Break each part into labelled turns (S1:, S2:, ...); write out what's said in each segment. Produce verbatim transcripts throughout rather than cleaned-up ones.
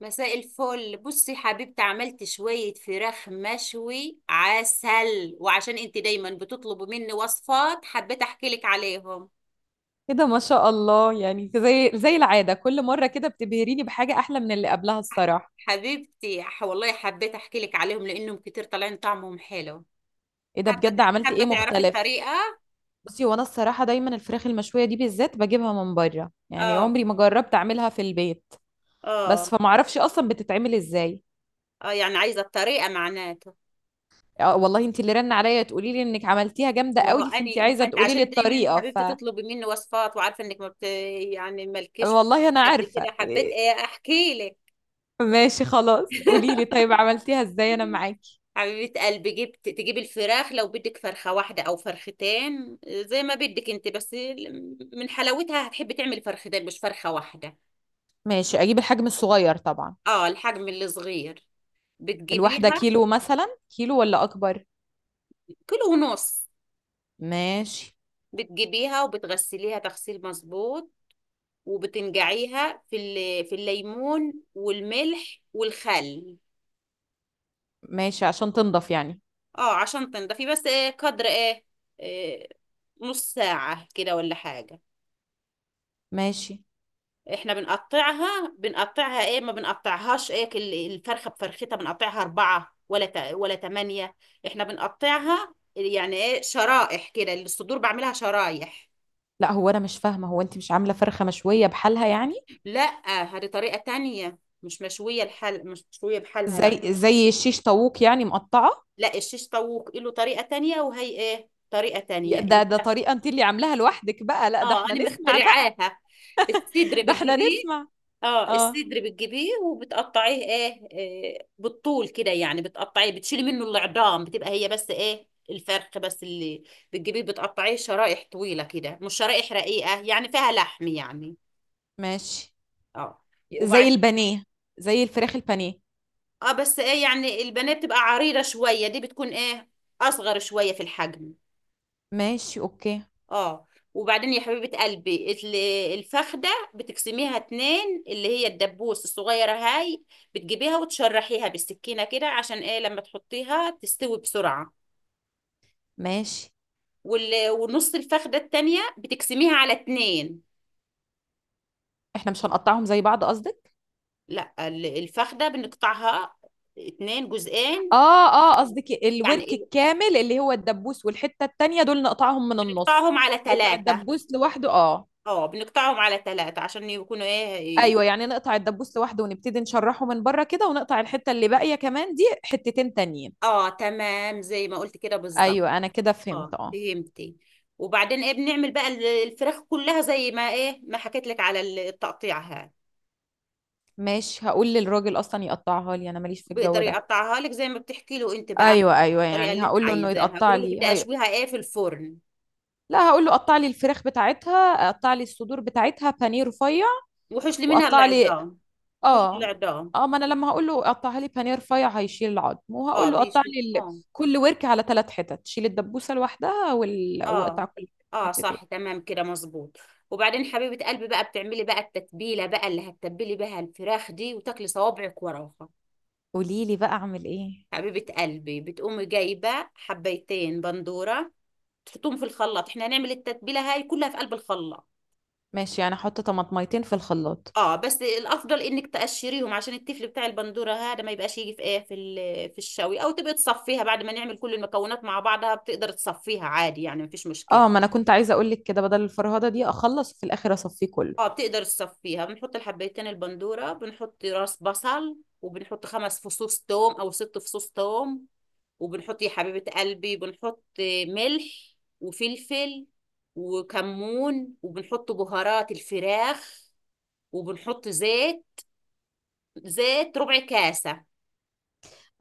S1: مساء الفل، بصي حبيبتي، عملت شوية فراخ مشوي عسل، وعشان انت دايما بتطلبي مني وصفات حبيت احكي لك عليهم.
S2: ايه ده، ما شاء الله. يعني زي زي العادة كل مرة كده بتبهريني بحاجة أحلى من اللي قبلها الصراحة.
S1: حبيبتي ح- والله حبيت احكي لك عليهم لانهم كتير طالعين طعمهم حلو.
S2: ايه ده
S1: حابة ت-
S2: بجد، عملتي
S1: حابة
S2: ايه
S1: تعرفي
S2: مختلف؟
S1: الطريقة.
S2: بصي، وانا الصراحة دايما الفراخ المشوية دي بالذات بجيبها من بره، يعني
S1: اه
S2: عمري ما جربت اعملها في البيت. بس
S1: اه
S2: فما اعرفش اصلا بتتعمل ازاي.
S1: اه، يعني عايزة الطريقة معناته.
S2: آه، والله انت اللي رن عليا تقولي لي انك عملتيها جامدة
S1: ما هو
S2: قوي، فانت
S1: اني ما
S2: عايزة
S1: انت
S2: تقولي لي
S1: عشان دايما
S2: الطريقة ف
S1: حبيبتي تطلبي مني وصفات وعارفة انك ما بت... يعني مالكيش
S2: والله انا
S1: قد
S2: عارفة.
S1: كده حبيت
S2: إيه،
S1: ايه احكي لك.
S2: ماشي خلاص، قولي لي طيب عملتيها ازاي، انا معاكي.
S1: حبيبة قلبي، جبت تجيب الفراخ لو بدك فرخة واحدة أو فرختين زي ما بدك انت، بس ال- من حلاوتها هتحبي تعملي فرختين مش فرخة واحدة.
S2: ماشي اجيب الحجم الصغير طبعا.
S1: اه، الحجم الصغير بتجيبيها.
S2: الواحدة كيلو مثلا؟ كيلو ولا اكبر؟
S1: كيلو ونص.
S2: ماشي.
S1: بتجيبيها وبتغسليها تغسيل مظبوط، وبتنقعيها في ال- في الليمون والملح والخل.
S2: ماشي عشان تنضف يعني.
S1: اه عشان تنضفي، بس ايه قدر ايه، إيه، نص ساعة كده ولا حاجة.
S2: ماشي.
S1: احنا بنقطعها، بنقطعها ايه، ما بنقطعهاش ايه، ال- الفرخه بفرختها بنقطعها اربعه ولا ت- ولا تمانيه. احنا بنقطعها يعني ايه شرائح كده، الصدور بعملها شرايح.
S2: لا، هو انا مش فاهمه، هو انت مش عامله فرخه مشويه بحالها يعني؟
S1: لا، هذه طريقه تانية مش مشويه، الحل مش مشويه بحالها، لا.
S2: زي زي الشيش طاووق يعني مقطعه؟
S1: لا، الشيش طاووق له طريقه تانية وهي ايه طريقه تانية
S2: يا- ده ده
S1: الف-
S2: طريقه انت اللي عاملاها لوحدك بقى، لا ده
S1: اه
S2: احنا
S1: انا
S2: نسمع بقى.
S1: مخترعاها. الصدر
S2: ده احنا
S1: بتجيبيه،
S2: نسمع.
S1: اه
S2: اه.
S1: الصدر بتجيبيه وبتقطعيه ايه، آه، بالطول كده يعني، بتقطعيه بتشيلي منه العظام، بتبقى هي بس ايه الفرخ بس اللي بتجيبيه بتقطعيه شرائح طويلة كده، مش شرائح رقيقة يعني فيها لحم يعني.
S2: ماشي.
S1: اه، وبعد
S2: زي البانيه. زي الفراخ البانيه.
S1: اه، بس ايه يعني البنات بتبقى عريضة شوية، دي بتكون ايه اصغر شوية في الحجم.
S2: ماشي اوكي.
S1: اه، وبعدين يا حبيبة قلبي ال- الفخدة بتقسميها اتنين، اللي هي الدبوس الصغيرة هاي، بتجيبيها وتشرحيها بالسكينة كده عشان ايه لما تحطيها تستوي بسرعة.
S2: ماشي.
S1: وال- ونص الفخدة التانية بتقسميها على اتنين.
S2: احنا مش هنقطعهم زي بعض قصدك؟
S1: لا ال- الفخدة بنقطعها اتنين جزئين.
S2: اه اه، قصدك
S1: يعني
S2: الورك
S1: ال-
S2: الكامل اللي هو الدبوس والحته التانيه، دول
S1: آه،
S2: نقطعهم من النص.
S1: بنقطعهم على
S2: نقطع
S1: ثلاثة.
S2: الدبوس لوحده، اه.
S1: اه بنقطعهم على ثلاثة عشان يكونوا ايه.
S2: ايوه، يعني نقطع الدبوس لوحده ونبتدي نشرحه من بره كده، ونقطع الحته اللي باقيه كمان دي حتتين تانيين.
S1: اه، تمام زي ما قلت كده بالظبط.
S2: ايوه انا كده فهمت،
S1: اه
S2: اه.
S1: فهمتي؟ وبعدين ايه بنعمل بقى ال- الفراخ كلها زي ما ايه ما حكيت لك على ال- التقطيعها.
S2: ماشي، هقول للراجل اصلا يقطعها لي، انا ماليش في الجو
S1: بيقدر
S2: ده.
S1: يقطعها لك زي ما بتحكي له انت بقى.
S2: ايوه ايوه،
S1: الطريقه
S2: يعني
S1: اللي انت
S2: هقول له انه
S1: عايزاها
S2: يقطع
S1: قولوا له
S2: لي
S1: بدي
S2: هي...
S1: اشويها ايه في الفرن.
S2: لا، هقول له قطع لي الفراخ بتاعتها، قطع لي الصدور بتاعتها بانيه رفيع.
S1: وحش لي منها
S2: وقطع لي،
S1: العظام، وحش لي
S2: اه
S1: العظام.
S2: اه، ما انا لما هقول له قطعها لي بانيه رفيع هيشيل العظم،
S1: اه
S2: وهقول له قطع
S1: بيشي
S2: لي ال...
S1: اه،
S2: كل ورك على ثلاث حتت، شيل الدبوسه لوحدها، وال... واقطع
S1: اه
S2: كل حته
S1: اه
S2: حتتين.
S1: صح، تمام كده مظبوط. وبعدين حبيبه قلبي بقى بتعملي بقى التتبيله بقى اللي هتتبلي بها الفراخ دي وتاكلي صوابعك وراها.
S2: قولي لي بقى، اعمل ايه؟
S1: حبيبه قلبي، بتقومي جايبه حبيتين بندوره، تحطهم في الخلاط، احنا هنعمل التتبيله هاي كلها في قلب الخلاط.
S2: ماشي، يعني احط طماطميتين في الخلاط؟
S1: اه بس الافضل انك تقشريهم عشان التفل بتاع البندوره هذا ما يبقاش يجي في ايه في ال- في الشوي، او تبقى تصفيها بعد ما نعمل كل المكونات مع بعضها، بتقدر تصفيها عادي يعني مفيش مشكله.
S2: اه، ما انا كنت عايزه اقول لك كده، بدل الفرهده دي اخلص في الاخر اصفيه كله.
S1: اه بتقدر تصفيها، بنحط الحبيتين البندوره، بنحط راس بصل، وبنحط خمس فصوص توم او ست فصوص توم، وبنحط يا حبيبه قلبي بنحط ملح وفلفل وكمون، وبنحط بهارات الفراخ، وبنحط زيت، زيت ربع كاسة.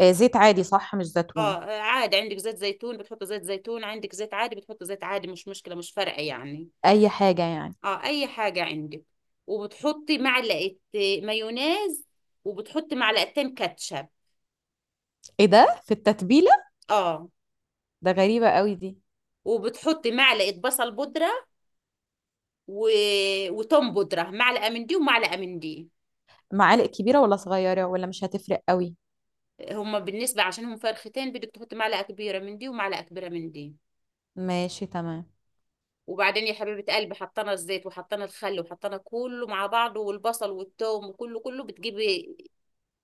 S2: آه، زيت عادي صح، مش زيتون؟
S1: اه عادي، عندك زيت زيتون بتحط زيت زيتون، عندك زيت عادي بتحط زيت عادي، مش مشكلة مش فارقة يعني.
S2: اي حاجه يعني.
S1: اه اي حاجة عندك، وبتحطي معلقة مايونيز، وبتحطي معلقتين كاتشب.
S2: ايه ده في التتبيله؟
S1: اه،
S2: ده غريبه قوي دي.
S1: وبتحطي معلقة بصل بودرة، و... وتوم بودرة معلقة من دي ومعلقة من دي.
S2: معالق كبيره ولا صغيره ولا مش هتفرق قوي؟
S1: هما بالنسبة عشان هم فرختين بدك تحطي معلقة كبيرة من دي ومعلقة كبيرة من دي.
S2: ماشي تمام.
S1: وبعدين يا حبيبة قلبي حطينا الزيت وحطينا الخل وحطينا كله مع بعضه، والبصل والثوم وكله كله بتجيبي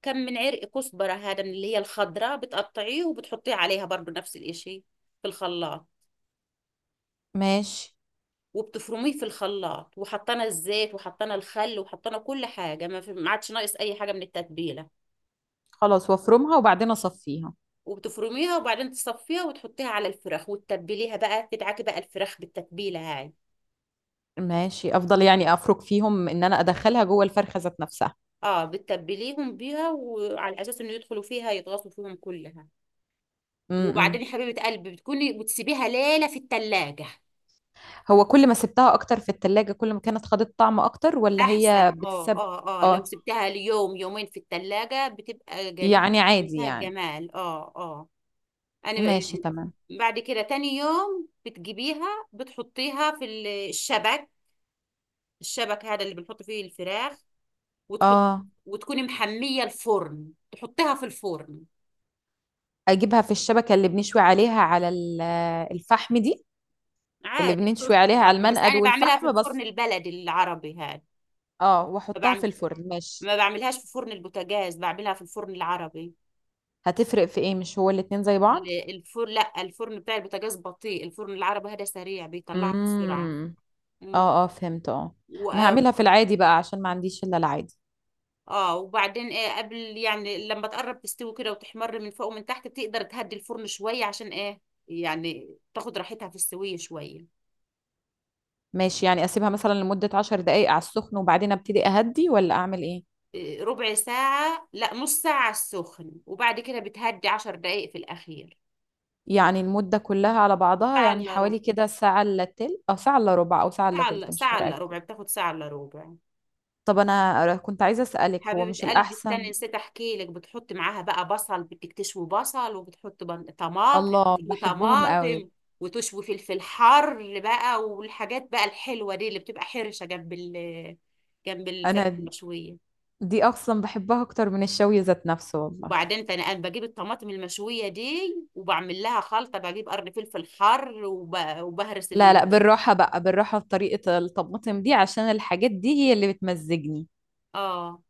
S1: كم من عرق كزبرة هذا من اللي هي الخضراء، بتقطعيه وبتحطيه عليها برضو نفس الاشي في الخلاط.
S2: ماشي.
S1: وبتفرميه في الخلاط، وحطينا الزيت وحطينا الخل وحطينا كل حاجة، ما في- ما عادش ناقص أي حاجة من التتبيلة.
S2: خلاص، وافرمها وبعدين اصفيها.
S1: وبتفرميها وبعدين تصفيها وتحطيها على الفراخ وتتبليها بقى، تدعكي بقى الفراخ بالتتبيلة هاي.
S2: ماشي. افضل يعني افرك فيهم ان انا ادخلها جوه الفرخه ذات نفسها؟
S1: اه بتتبليهم بيها، وعلى أساس إنه يدخلوا فيها يتغاصوا فيهم كلها. وبعدين
S2: امم
S1: يا حبيبة قلبي بتكوني بتسيبيها ليلة في التلاجة،
S2: هو كل ما سبتها اكتر في التلاجة كل ما كانت خدت طعم اكتر، ولا هي
S1: احسن. اه
S2: بتسب؟
S1: اه اه، لو
S2: اه.
S1: سبتها ليوم يومين في التلاجة بتبقى جميلة
S2: يعني عادي
S1: منتهى
S2: يعني.
S1: الجمال، اه اه. انا
S2: ماشي
S1: ب-
S2: تمام.
S1: بعد كده تاني يوم بتجيبيها بتحطيها في ال- الشبك، الشبك هذا اللي بنحط فيه الفراخ، وتحط،
S2: اه.
S1: وتكوني محمية الفرن تحطيها في الفرن.
S2: اجيبها في الشبكة اللي بنشوي عليها على ال- الفحم دي، اللي
S1: عادي
S2: بنشوي
S1: بتظبط
S2: عليها على
S1: برضه، بس
S2: المنقد
S1: انا بعملها في
S2: والفحم
S1: الفرن
S2: بس؟
S1: البلدي العربي،
S2: اه، واحطها
S1: هذا
S2: في الفرن ماشي.
S1: ما بعملهاش في فرن البوتاجاز، بعملها في الفرن العربي.
S2: هتفرق في ايه؟ مش هو الاتنين زي بعض؟
S1: ال- الفرن، لا الفرن بتاع البوتاجاز بطيء، الفرن العربي هذا سريع بيطلعها بسرعة.
S2: امم
S1: امم
S2: اه اه، فهمت، اه.
S1: و...
S2: انا هعملها في العادي بقى عشان ما عنديش الا العادي.
S1: اه وبعدين ايه قبل يعني لما تقرب تستوي كده وتحمر من فوق ومن تحت بتقدر تهدي الفرن شوية عشان ايه يعني تاخد راحتها في السوية شوية.
S2: ماشي، يعني اسيبها مثلا لمدة عشر دقايق على السخن وبعدين ابتدي اهدي، ولا اعمل ايه؟
S1: إيه، ربع ساعة، لا نص ساعة على السخن، وبعد كده بتهدي عشر دقايق في الأخير.
S2: يعني المدة كلها على بعضها
S1: ساعة
S2: يعني
S1: إلا ربع،
S2: حوالي كده ساعة الا تلت او ساعة الا ربع، او ساعة الا
S1: ساعة إلا
S2: تلت مش
S1: ساعة إلا
S2: فارقة.
S1: ربع بتاخد ساعة إلا ربع.
S2: طب انا كنت عايزة اسألك، هو مش
S1: حبيبة قلبي
S2: الاحسن.
S1: استني، نسيت احكي لك، بتحط معاها بقى بصل، بدك تشوي بصل، وبتحط بن- طماطم،
S2: الله،
S1: تشوي
S2: بحبهم قوي.
S1: طماطم، وتشوي فلفل حر بقى، والحاجات بقى الحلوة دي اللي بتبقى حرشة جنب ال جنب الفراخ
S2: انا
S1: المشوية.
S2: دي اصلا بحبها اكتر من الشوي ذات نفسه والله.
S1: وبعدين ده انا أنا بجيب الطماطم المشوية دي وبعمل لها خلطة، بجيب قرن فلفل حر وب... وبهرس
S2: لا لا،
S1: ال،
S2: بالراحة بقى، بالراحة بطريقة الطماطم دي، عشان الحاجات دي هي اللي بتمزجني.
S1: اه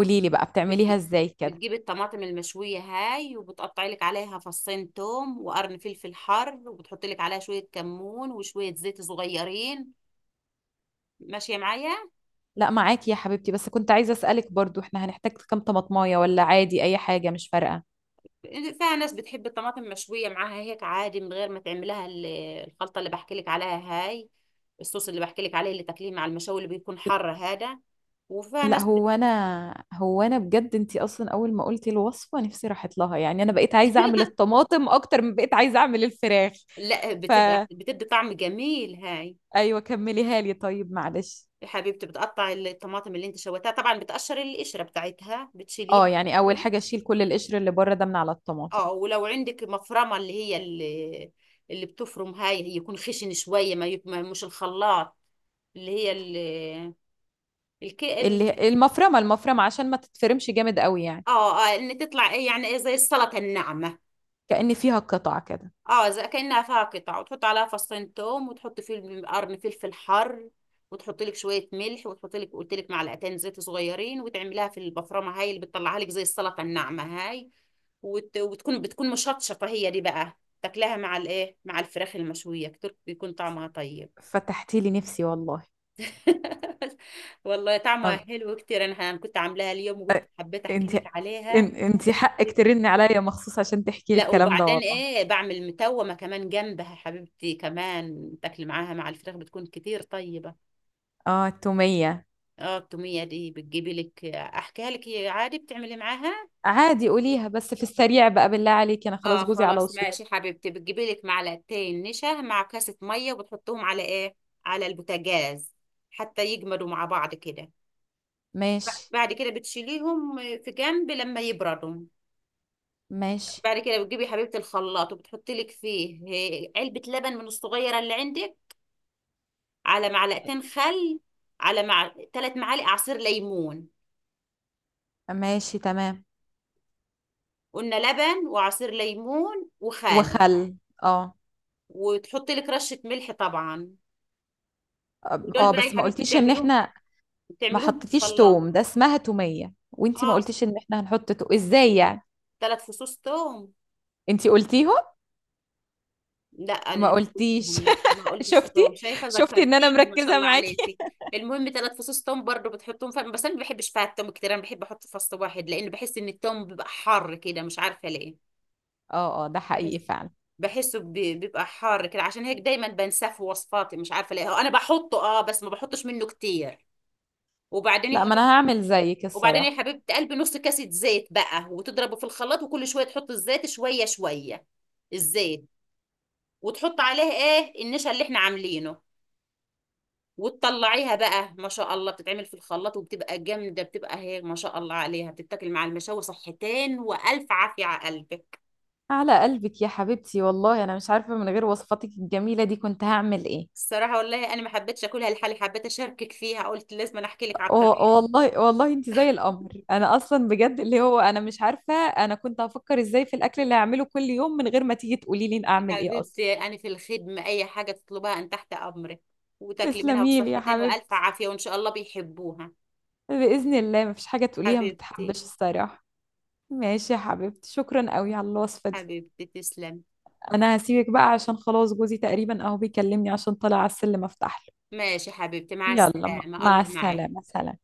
S1: بت-
S2: لي بقى بتعمليها
S1: بتج-
S2: ازاي كده.
S1: بتجيب الطماطم المشوية هاي وبتقطعي لك عليها فصين توم وقرن فلفل حر، وبتحطي لك عليها شوية كمون وشوية زيت صغيرين. ماشية معايا؟
S2: لا، معاكي يا حبيبتي، بس كنت عايزة اسألك برضو احنا هنحتاج كام طماطماية، ولا عادي اي حاجة مش فارقة؟
S1: فيها ناس بتحب الطماطم مشوية معاها هيك عادي من غير ما تعملها ال- الخلطة اللي بحكي لك عليها هاي، الصوص اللي بحكي لك عليه اللي تاكليه مع المشاوي اللي بيكون حر هذا، وفيها
S2: لا،
S1: ناس
S2: هو
S1: بت...
S2: انا هو انا بجد انتي اصلا اول ما قلتي الوصفه نفسي راحت لها، يعني انا بقيت عايزه اعمل الطماطم اكتر من بقيت عايزه اعمل الفراخ.
S1: لا بتبقى
S2: فا
S1: بتدي طعم جميل هاي.
S2: ايوه كمليها لي طيب معلش.
S1: يا حبيبتي بتقطع الطماطم اللي انت شويتها طبعا، بتقشر القشرة بتاعتها بتشيليها.
S2: اه، يعني اول حاجه اشيل كل القشر اللي بره ده من على الطماطم.
S1: اه ولو عندك مفرمة اللي هي اللي، اللي بتفرم هاي يكون خشن شوية، ما يك... ما- مش الخلاط، اللي هي ال... الك... ال...
S2: اللي المفرمه المفرمه عشان ما تتفرمش جامد قوي يعني.
S1: اه اه، ان تطلع ايه يعني ايه زي السلطة الناعمة.
S2: كأن فيها قطع كده.
S1: اه زي كأنها فيها قطع، وتحط عليها فصين توم وتحط فيه القرن فلفل حر، وتحط لك شويه ملح، وتحط لك قلت لك معلقتين زيت صغيرين، وتعمليها في البفرمه هاي اللي بتطلعها لك زي السلطه الناعمه هاي، وت... وتكون بتكون مشطشطه هي، دي بقى تاكلها مع الايه مع الفراخ المشويه كتير بيكون طعمها طيب.
S2: فتحتي لي نفسي والله.
S1: والله طعمها
S2: أن-
S1: حلو كتير، انا أنا كنت عاملاها اليوم وقلت حبيت احكي
S2: انتي،
S1: لك عليها.
S2: إن- انتي حقك ترني عليا مخصوص عشان تحكي لي
S1: لا
S2: الكلام ده
S1: وبعدين
S2: والله.
S1: ايه بعمل متومه كمان جنبها حبيبتي، كمان تاكلي معاها مع الفراخ بتكون كتير طيبه.
S2: اه، التوميه.
S1: اه التوميه دي بتجيبي لك، احكيها لك، هي عادي بتعملي معاها.
S2: عادي قوليها بس في السريع بقى بالله عليكي، انا
S1: اه
S2: خلاص جوزي على
S1: خلاص ماشي
S2: وصول.
S1: حبيبتي، بتجيبي لك معلقتين نشا مع كاسه ميه وبتحطهم على ايه، على البوتاجاز، حتى يجمدوا مع بعض كده.
S2: ماشي.
S1: بعد كده بتشيليهم في جنب لما يبردوا.
S2: ماشي.
S1: بعد كده بتجيبي يا حبيبتي الخلاط وبتحطي لك فيه آه، علبه لبن من الصغيره اللي عندك، على معلقتين خل، على مع... ثلاث معالق عصير ليمون.
S2: ماشي تمام.
S1: قلنا لبن وعصير ليمون وخل،
S2: وخل. اه
S1: وتحطي لك رشة ملح طبعا.
S2: اه.
S1: ودول
S2: آه،
S1: بقى
S2: بس
S1: يا
S2: ما
S1: حبيبتي
S2: قلتيش ان
S1: بتعملوهم
S2: احنا، ما
S1: بتعملوهم في
S2: حطيتيش
S1: الخلاط.
S2: توم، ده اسمها تومية وانتي ما
S1: اه
S2: قلتيش ان احنا هنحط تو ازاي يعني.
S1: ثلاث فصوص توم.
S2: انتي قلتيهم؟
S1: لا انا
S2: ما
S1: اللي مش
S2: قلتيش.
S1: قلتهم، لا ما قلتش
S2: شفتي؟
S1: توم، شايفه
S2: شفتي ان انا
S1: ذكرتيني ما شاء
S2: مركزة
S1: الله
S2: معاكي.
S1: عليكي. المهم ثلاث فصوص توم برضو بتحطهم فم، بس انا ما بحبش فيها التوم كتير، انا بحب احط فص واحد، لان بحس ان التوم بيبقى حر كده مش عارفه ليه.
S2: اه اه ده حقيقي
S1: بحس
S2: فعلا.
S1: بحسه بي- بيبقى حار كده، عشان هيك دايما بنساه في وصفاتي مش عارفه ليه، هو انا بحطه اه بس ما بحطش منه كتير. وبعدين يا
S2: لا ما
S1: حبيبتي
S2: انا هعمل زيك
S1: وبعدين
S2: الصراحة.
S1: يا حبيبتي قلبي نص كاسة زيت بقى، وتضربه في الخلاط، وكل شويه تحط الزيت شويه شويه الزيت، وتحط عليه ايه النشا اللي احنا عاملينه. وتطلعيها بقى، ما شاء الله بتتعمل في الخلاط وبتبقى جامده، بتبقى هيك ما شاء الله عليها، بتتاكل مع المشاوي، صحتين والف عافيه على قلبك.
S2: على قلبك يا حبيبتي، والله انا مش عارفة من غير وصفاتك الجميلة دي كنت هعمل ايه.
S1: الصراحه والله انا ما حبيتش اكلها لحالي، حبيت اشاركك فيها، قلت لازم أنا احكي لك على
S2: و-
S1: الطريقه.
S2: والله والله انت زي القمر، انا اصلا بجد اللي هو انا مش عارفه انا كنت هفكر ازاي في الاكل اللي هعمله كل يوم من غير ما تيجي تقولي لي اعمل ايه اصلا.
S1: حبيبتي أنا في الخدمة، أي حاجة تطلبها أن تحت أمرك، وتاكلي منها
S2: تسلمي لي يا
S1: بصحتين وألف
S2: حبيبتي.
S1: عافية وإن شاء الله بيحبوها.
S2: باذن الله مفيش حاجه تقوليها ما
S1: حبيبتي،
S2: بتحبش الصراحه. ماشي يا حبيبتي، شكرا قوي على الوصفه دي.
S1: حبيبتي تسلم.
S2: انا هسيبك بقى عشان خلاص جوزي تقريبا اهو بيكلمني عشان طالع على السلم افتح له.
S1: ماشي حبيبتي، مع
S2: يلا، م-
S1: السلامة،
S2: مع
S1: الله معك.
S2: السلامه، سلام.